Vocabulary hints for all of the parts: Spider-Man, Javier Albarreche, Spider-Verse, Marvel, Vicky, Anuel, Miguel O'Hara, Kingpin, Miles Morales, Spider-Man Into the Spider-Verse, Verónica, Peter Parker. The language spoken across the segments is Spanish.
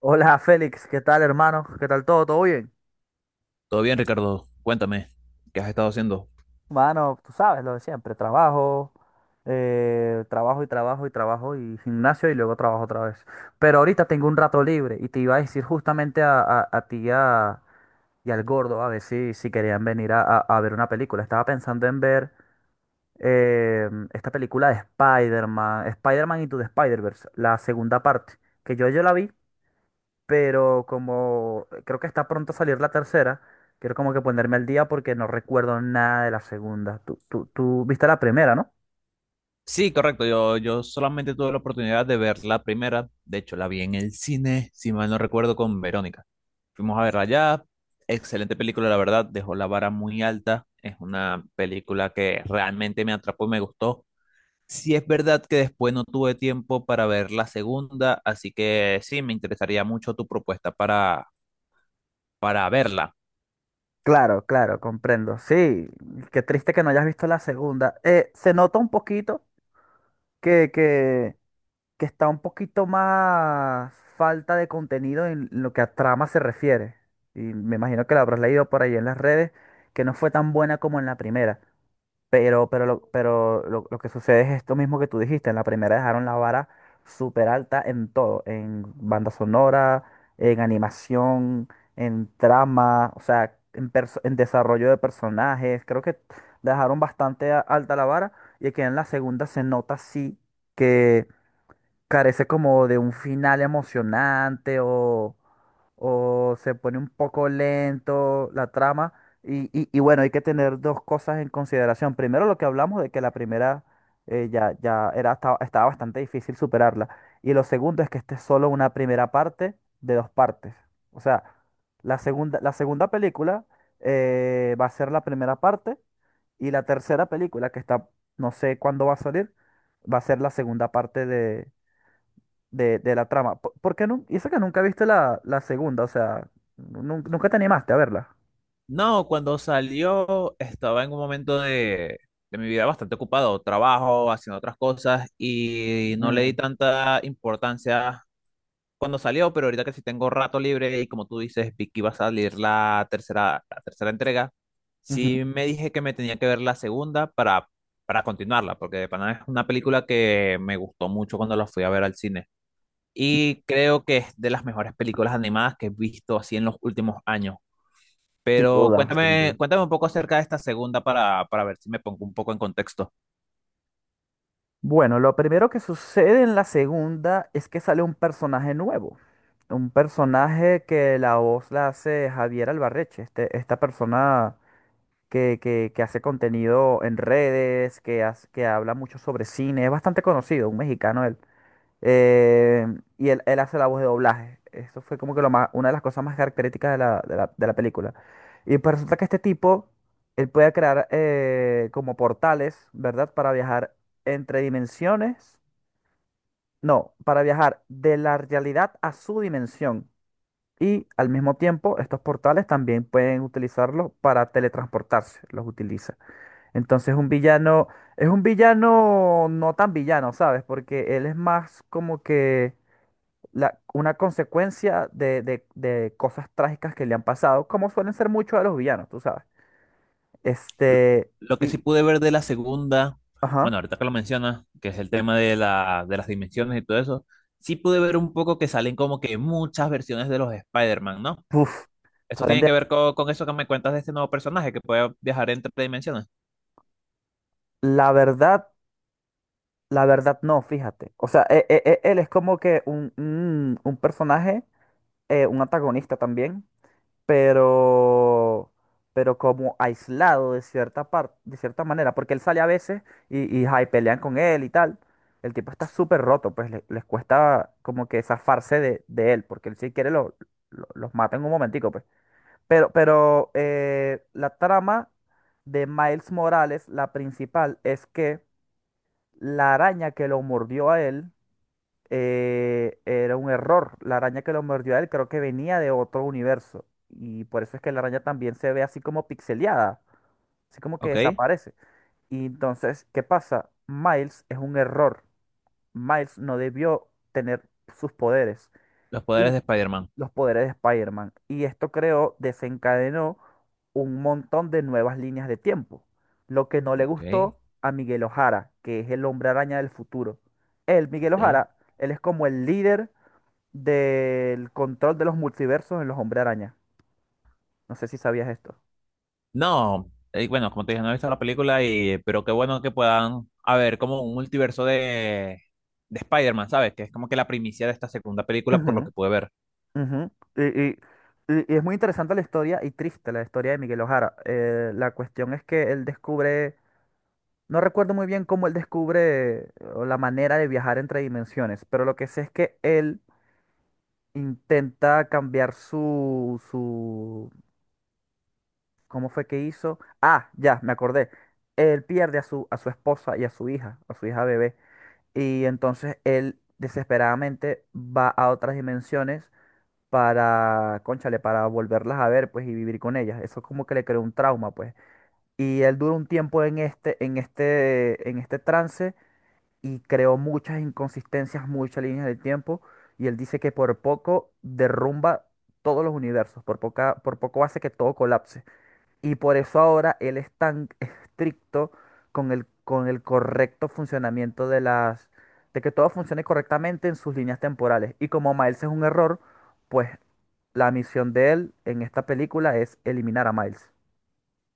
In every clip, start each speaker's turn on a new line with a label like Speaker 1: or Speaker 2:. Speaker 1: Hola Félix, ¿qué tal hermano? ¿Qué tal todo? ¿Todo bien?
Speaker 2: Todo bien, Ricardo. Cuéntame, ¿qué has estado haciendo?
Speaker 1: Mano, tú sabes lo de siempre, trabajo, trabajo y trabajo y trabajo y gimnasio y luego trabajo otra vez. Pero ahorita tengo un rato libre y te iba a decir justamente a, a ti y al gordo a ver si, si querían venir a, a ver una película. Estaba pensando en ver esta película de Spider-Man, Spider-Man Into the Spider-Verse, la segunda parte, que yo la vi, pero como creo que está pronto a salir la tercera, quiero como que ponerme al día porque no recuerdo nada de la segunda. Tú viste la primera, ¿no?
Speaker 2: Sí, correcto. Yo solamente tuve la oportunidad de ver la primera. De hecho, la vi en el cine, si mal no recuerdo, con Verónica. Fuimos a verla allá. Excelente película, la verdad. Dejó la vara muy alta. Es una película que realmente me atrapó y me gustó. Sí es verdad que después no tuve tiempo para ver la segunda, así que sí, me interesaría mucho tu propuesta para verla.
Speaker 1: Claro, claro, comprendo. Sí, qué triste que no hayas visto la segunda. Se nota un poquito que, que, que está un poquito más falta de contenido en lo que a trama se refiere. Y me imagino que la habrás leído por ahí en las redes, que no fue tan buena como en la primera. Pero, lo que sucede es esto mismo que tú dijiste. En la primera dejaron la vara súper alta en todo, en banda sonora, en animación, en trama, o sea, en, en desarrollo de personajes. Creo que dejaron bastante alta la vara y que en la segunda se nota sí carece como de un final emocionante o se pone un poco lento la trama. Y, y bueno, hay que tener dos cosas en consideración. Primero, lo que hablamos de que la primera ya, estaba bastante difícil superarla. Y lo segundo es que esta es solo una primera parte de dos partes. O sea, la segunda película va a ser la primera parte y la tercera película, que está, no sé cuándo va a salir, va a ser la segunda parte de la trama. ¿Por, y eso que nunca viste la, la segunda, o sea, nunca te animaste a verla.
Speaker 2: No, cuando salió estaba en un momento de mi vida bastante ocupado, trabajo, haciendo otras cosas y no le di
Speaker 1: Mm.
Speaker 2: tanta importancia cuando salió, pero ahorita que sí tengo rato libre y como tú dices, Vicky va a salir la tercera entrega,
Speaker 1: Ujú.
Speaker 2: sí me dije que me tenía que ver la segunda para continuarla, porque de pana es una película que me gustó mucho cuando la fui a ver al cine y creo que es de las mejores películas animadas que he visto así en los últimos años.
Speaker 1: Sin
Speaker 2: Pero
Speaker 1: duda, sin
Speaker 2: cuéntame,
Speaker 1: duda.
Speaker 2: cuéntame un poco acerca de esta segunda para ver si me pongo un poco en contexto.
Speaker 1: Bueno, lo primero que sucede en la segunda es que sale un personaje nuevo. Un personaje que la voz la hace Javier Albarreche, este, esta persona que, que hace contenido en redes, que, que habla mucho sobre cine, es bastante conocido, un mexicano él. Eh, y él hace la voz de doblaje. Eso fue como que lo más, una de las cosas más características de de la película. Y pues resulta que este tipo, él puede crear como portales, ¿verdad? Para viajar entre dimensiones. No, para viajar de la realidad a su dimensión. Y al mismo tiempo, estos portales también pueden utilizarlos para teletransportarse. Los utiliza. Entonces, un villano es un villano no tan villano, ¿sabes? Porque él es más como que una consecuencia de, de cosas trágicas que le han pasado, como suelen ser muchos de los villanos, tú sabes. Este,
Speaker 2: Lo que sí
Speaker 1: y,
Speaker 2: pude ver de la segunda, bueno,
Speaker 1: ajá,
Speaker 2: ahorita que lo mencionas, que es el tema de la, de las dimensiones y todo eso, sí pude ver un poco que salen como que muchas versiones de los Spider-Man, ¿no?
Speaker 1: uf,
Speaker 2: Esto
Speaker 1: salen
Speaker 2: tiene
Speaker 1: de-
Speaker 2: que ver con eso que me cuentas de este nuevo personaje que puede viajar entre dimensiones.
Speaker 1: la verdad, la verdad no, fíjate. O sea, él es como que un, un personaje, un antagonista también, pero, pero como aislado de cierta parte, de cierta manera, porque él sale a veces y ay, pelean con él y tal. El tipo está súper roto, pues les cuesta como que zafarse de él, porque él si quiere lo, los mata en un momentico, pues. Pero la trama de Miles Morales, la principal, es que la araña que lo mordió a él era un error. La araña que lo mordió a él creo que venía de otro universo. Y por eso es que la araña también se ve así como pixeleada, así como que
Speaker 2: Ok,
Speaker 1: desaparece. Y entonces, ¿qué pasa? Miles es un error. Miles no debió tener sus poderes
Speaker 2: los poderes
Speaker 1: y
Speaker 2: de Spider-Man.
Speaker 1: los poderes de Spider-Man. Y esto creó, desencadenó un montón de nuevas líneas de tiempo. Lo que no le
Speaker 2: Ok,
Speaker 1: gustó a Miguel O'Hara, que es el hombre araña del futuro. Él, Miguel
Speaker 2: ok.
Speaker 1: O'Hara, él es como el líder del control de los multiversos en los Hombre Araña. No sé si sabías esto.
Speaker 2: No, bueno, como te dije, no he visto la película y, pero qué bueno que puedan haber como un multiverso de Spider-Man, ¿sabes? Que es como que la primicia de esta segunda película por lo
Speaker 1: Ujú,
Speaker 2: que pude ver.
Speaker 1: ujú. Y, y es muy interesante la historia y triste la historia de Miguel O'Hara. La cuestión es que él descubre, no recuerdo muy bien cómo él descubre o la manera de viajar entre dimensiones, pero lo que sé es que él intenta cambiar ¿cómo fue que hizo? Ah, ya, me acordé. Él pierde a su esposa y a su hija bebé. Y entonces él desesperadamente va a otras dimensiones para, cónchale, para volverlas a ver, pues, y vivir con ellas. Eso como que le creó un trauma, pues. Y él duró un tiempo en este, en este trance y creó muchas inconsistencias, muchas líneas del tiempo. Y él dice que por poco derrumba todos los universos, por poco hace que todo colapse. Y por eso ahora él es tan estricto con el correcto funcionamiento de las, de que todo funcione correctamente en sus líneas temporales. Y como Miles es un error, pues la misión de él en esta película es eliminar a Miles.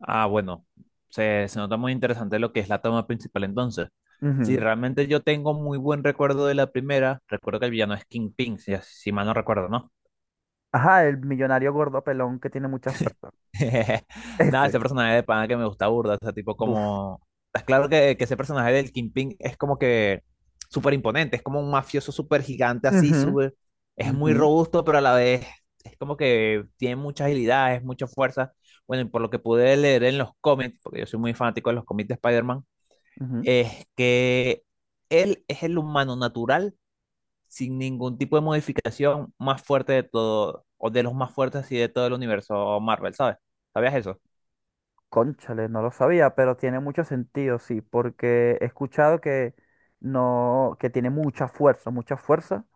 Speaker 2: Ah, bueno, se nota muy interesante lo que es la toma principal entonces. Sí,
Speaker 1: Ujú.
Speaker 2: realmente yo tengo muy buen recuerdo de la primera. Recuerdo que el villano es Kingpin, si mal no recuerdo, ¿no?
Speaker 1: Ajá, el millonario gordo pelón que tiene mucha fuerza.
Speaker 2: Nada, ese
Speaker 1: Ese.
Speaker 2: personaje de pana que me gusta burda, o sea, tipo
Speaker 1: Buf.
Speaker 2: como... Estás claro que ese personaje del Kingpin es como que súper imponente, es como un mafioso súper gigante así,
Speaker 1: Ujú,
Speaker 2: súper... Es muy
Speaker 1: ujú,
Speaker 2: robusto, pero a la vez es como que tiene mucha agilidad, es mucha fuerza. Bueno, y por lo que pude leer en los cómics, porque yo soy muy fanático de los cómics de Spider-Man,
Speaker 1: ujú.
Speaker 2: es que él es el humano natural, sin ningún tipo de modificación, más fuerte de todo, o de los más fuertes así de todo el universo Marvel, ¿sabes? ¿Sabías eso?
Speaker 1: Cónchale, no lo sabía, pero tiene mucho sentido, sí, porque he escuchado que no, que tiene mucha fuerza,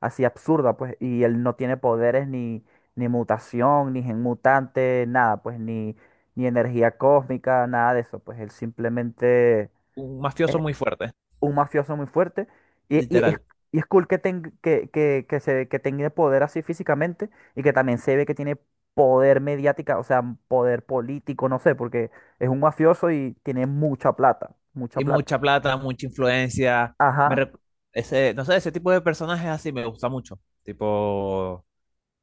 Speaker 1: así absurda, pues, y él no tiene poderes ni, ni mutación, ni gen mutante, nada, pues, ni, ni energía cósmica, nada de eso, pues, él simplemente
Speaker 2: Un mafioso
Speaker 1: es
Speaker 2: muy fuerte,
Speaker 1: un mafioso muy fuerte. Y, y es,
Speaker 2: literal.
Speaker 1: y es cool que, que tenga poder así físicamente y que también se ve que tiene poder mediática, o sea, poder político, no sé, porque es un mafioso y tiene mucha plata, mucha
Speaker 2: Y
Speaker 1: plata.
Speaker 2: mucha plata, mucha influencia. Me
Speaker 1: Ajá.
Speaker 2: re- Ese, no sé, ese tipo de personajes así me gusta mucho. Tipo,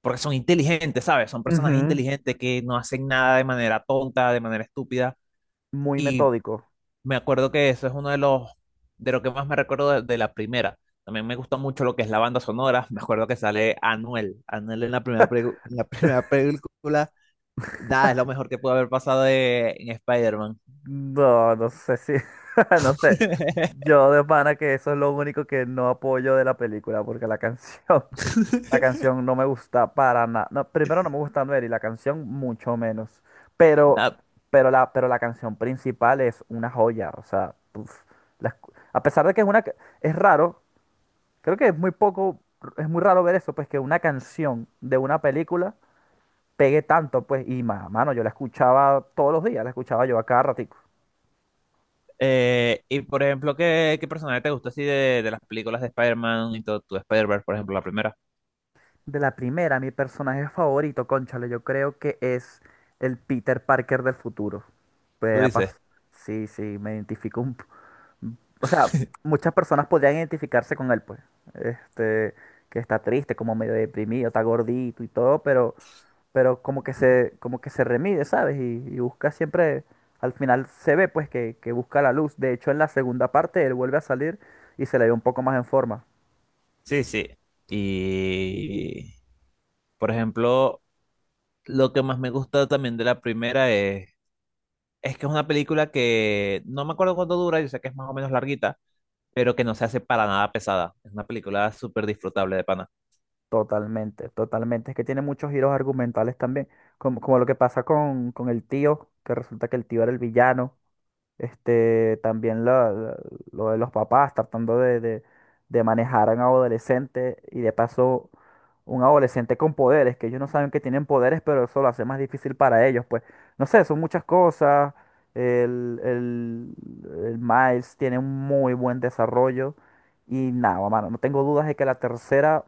Speaker 2: porque son inteligentes, ¿sabes? Son personajes
Speaker 1: Ujú.
Speaker 2: inteligentes que no hacen nada de manera tonta, de manera estúpida.
Speaker 1: Muy
Speaker 2: Y
Speaker 1: metódico.
Speaker 2: me acuerdo que eso es uno de los, de lo que más me recuerdo de la primera. También me gusta mucho lo que es la banda sonora. Me acuerdo que sale Anuel. Anuel en la primera, en la primera película. Nada, es lo mejor que puede haber pasado en Spider-Man.
Speaker 1: No, no sé si, no sé. Yo de pana que eso es lo único que no apoyo de la película, porque la canción no me gusta para nada. No, primero no me gusta Anuel y la canción mucho menos. Pero,
Speaker 2: Nada,
Speaker 1: pero la canción principal es una joya. O sea, uf, a pesar de que es una, es raro, creo que es muy poco, es muy raro ver eso, pues que una canción de una película pegue tanto, pues, y mano, yo la escuchaba todos los días, la escuchaba yo a cada ratico.
Speaker 2: y por ejemplo, ¿qué personaje te gusta así de las películas de Spider-Man y todo tu Spider-Verse, por ejemplo, la primera?
Speaker 1: De la primera, mi personaje favorito, cónchale, yo creo que es el Peter Parker del futuro.
Speaker 2: Tú
Speaker 1: Pues, ha
Speaker 2: dices.
Speaker 1: sí, sí, me identifico un, o sea, muchas personas podrían identificarse con él, pues. Este, que está triste, como medio deprimido, está gordito y todo, pero como que se remide, ¿sabes? Y busca siempre, al final se ve, pues, que busca la luz. De hecho, en la segunda parte él vuelve a salir y se le ve un poco más en forma.
Speaker 2: Sí, sí. Y por ejemplo, lo que más me gusta también de la primera es que es una película que no me acuerdo cuánto dura, yo sé que es más o menos larguita, pero que no se hace para nada pesada. Es una película súper disfrutable de pana.
Speaker 1: Totalmente, totalmente. Es que tiene muchos giros argumentales también, como, como lo que pasa con el tío, que resulta que el tío era el villano. Este, también lo de los papás tratando de, de manejar a un adolescente y de paso un adolescente con poderes, que ellos no saben que tienen poderes, pero eso lo hace más difícil para ellos. Pues no sé, son muchas cosas. El, el Miles tiene un muy buen desarrollo y nada, mano, no tengo dudas de que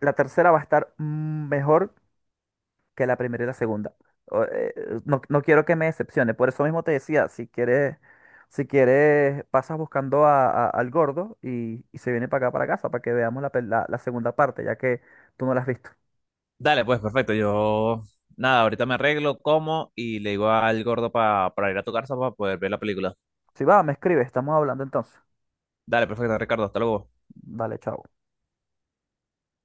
Speaker 1: la tercera va a estar mejor que la primera y la segunda. O, no, no quiero que me decepcione. Por eso mismo te decía, si quieres, si quieres, pasas buscando al gordo y se viene para acá, para casa, para que veamos la, la segunda parte, ya que tú no la has visto.
Speaker 2: Dale, pues perfecto. Yo, nada, ahorita me arreglo, como y le digo al gordo para ir a tu casa para poder ver la película.
Speaker 1: Si va, me escribes, estamos hablando entonces.
Speaker 2: Dale, perfecto, Ricardo, hasta luego.
Speaker 1: Vale, chao.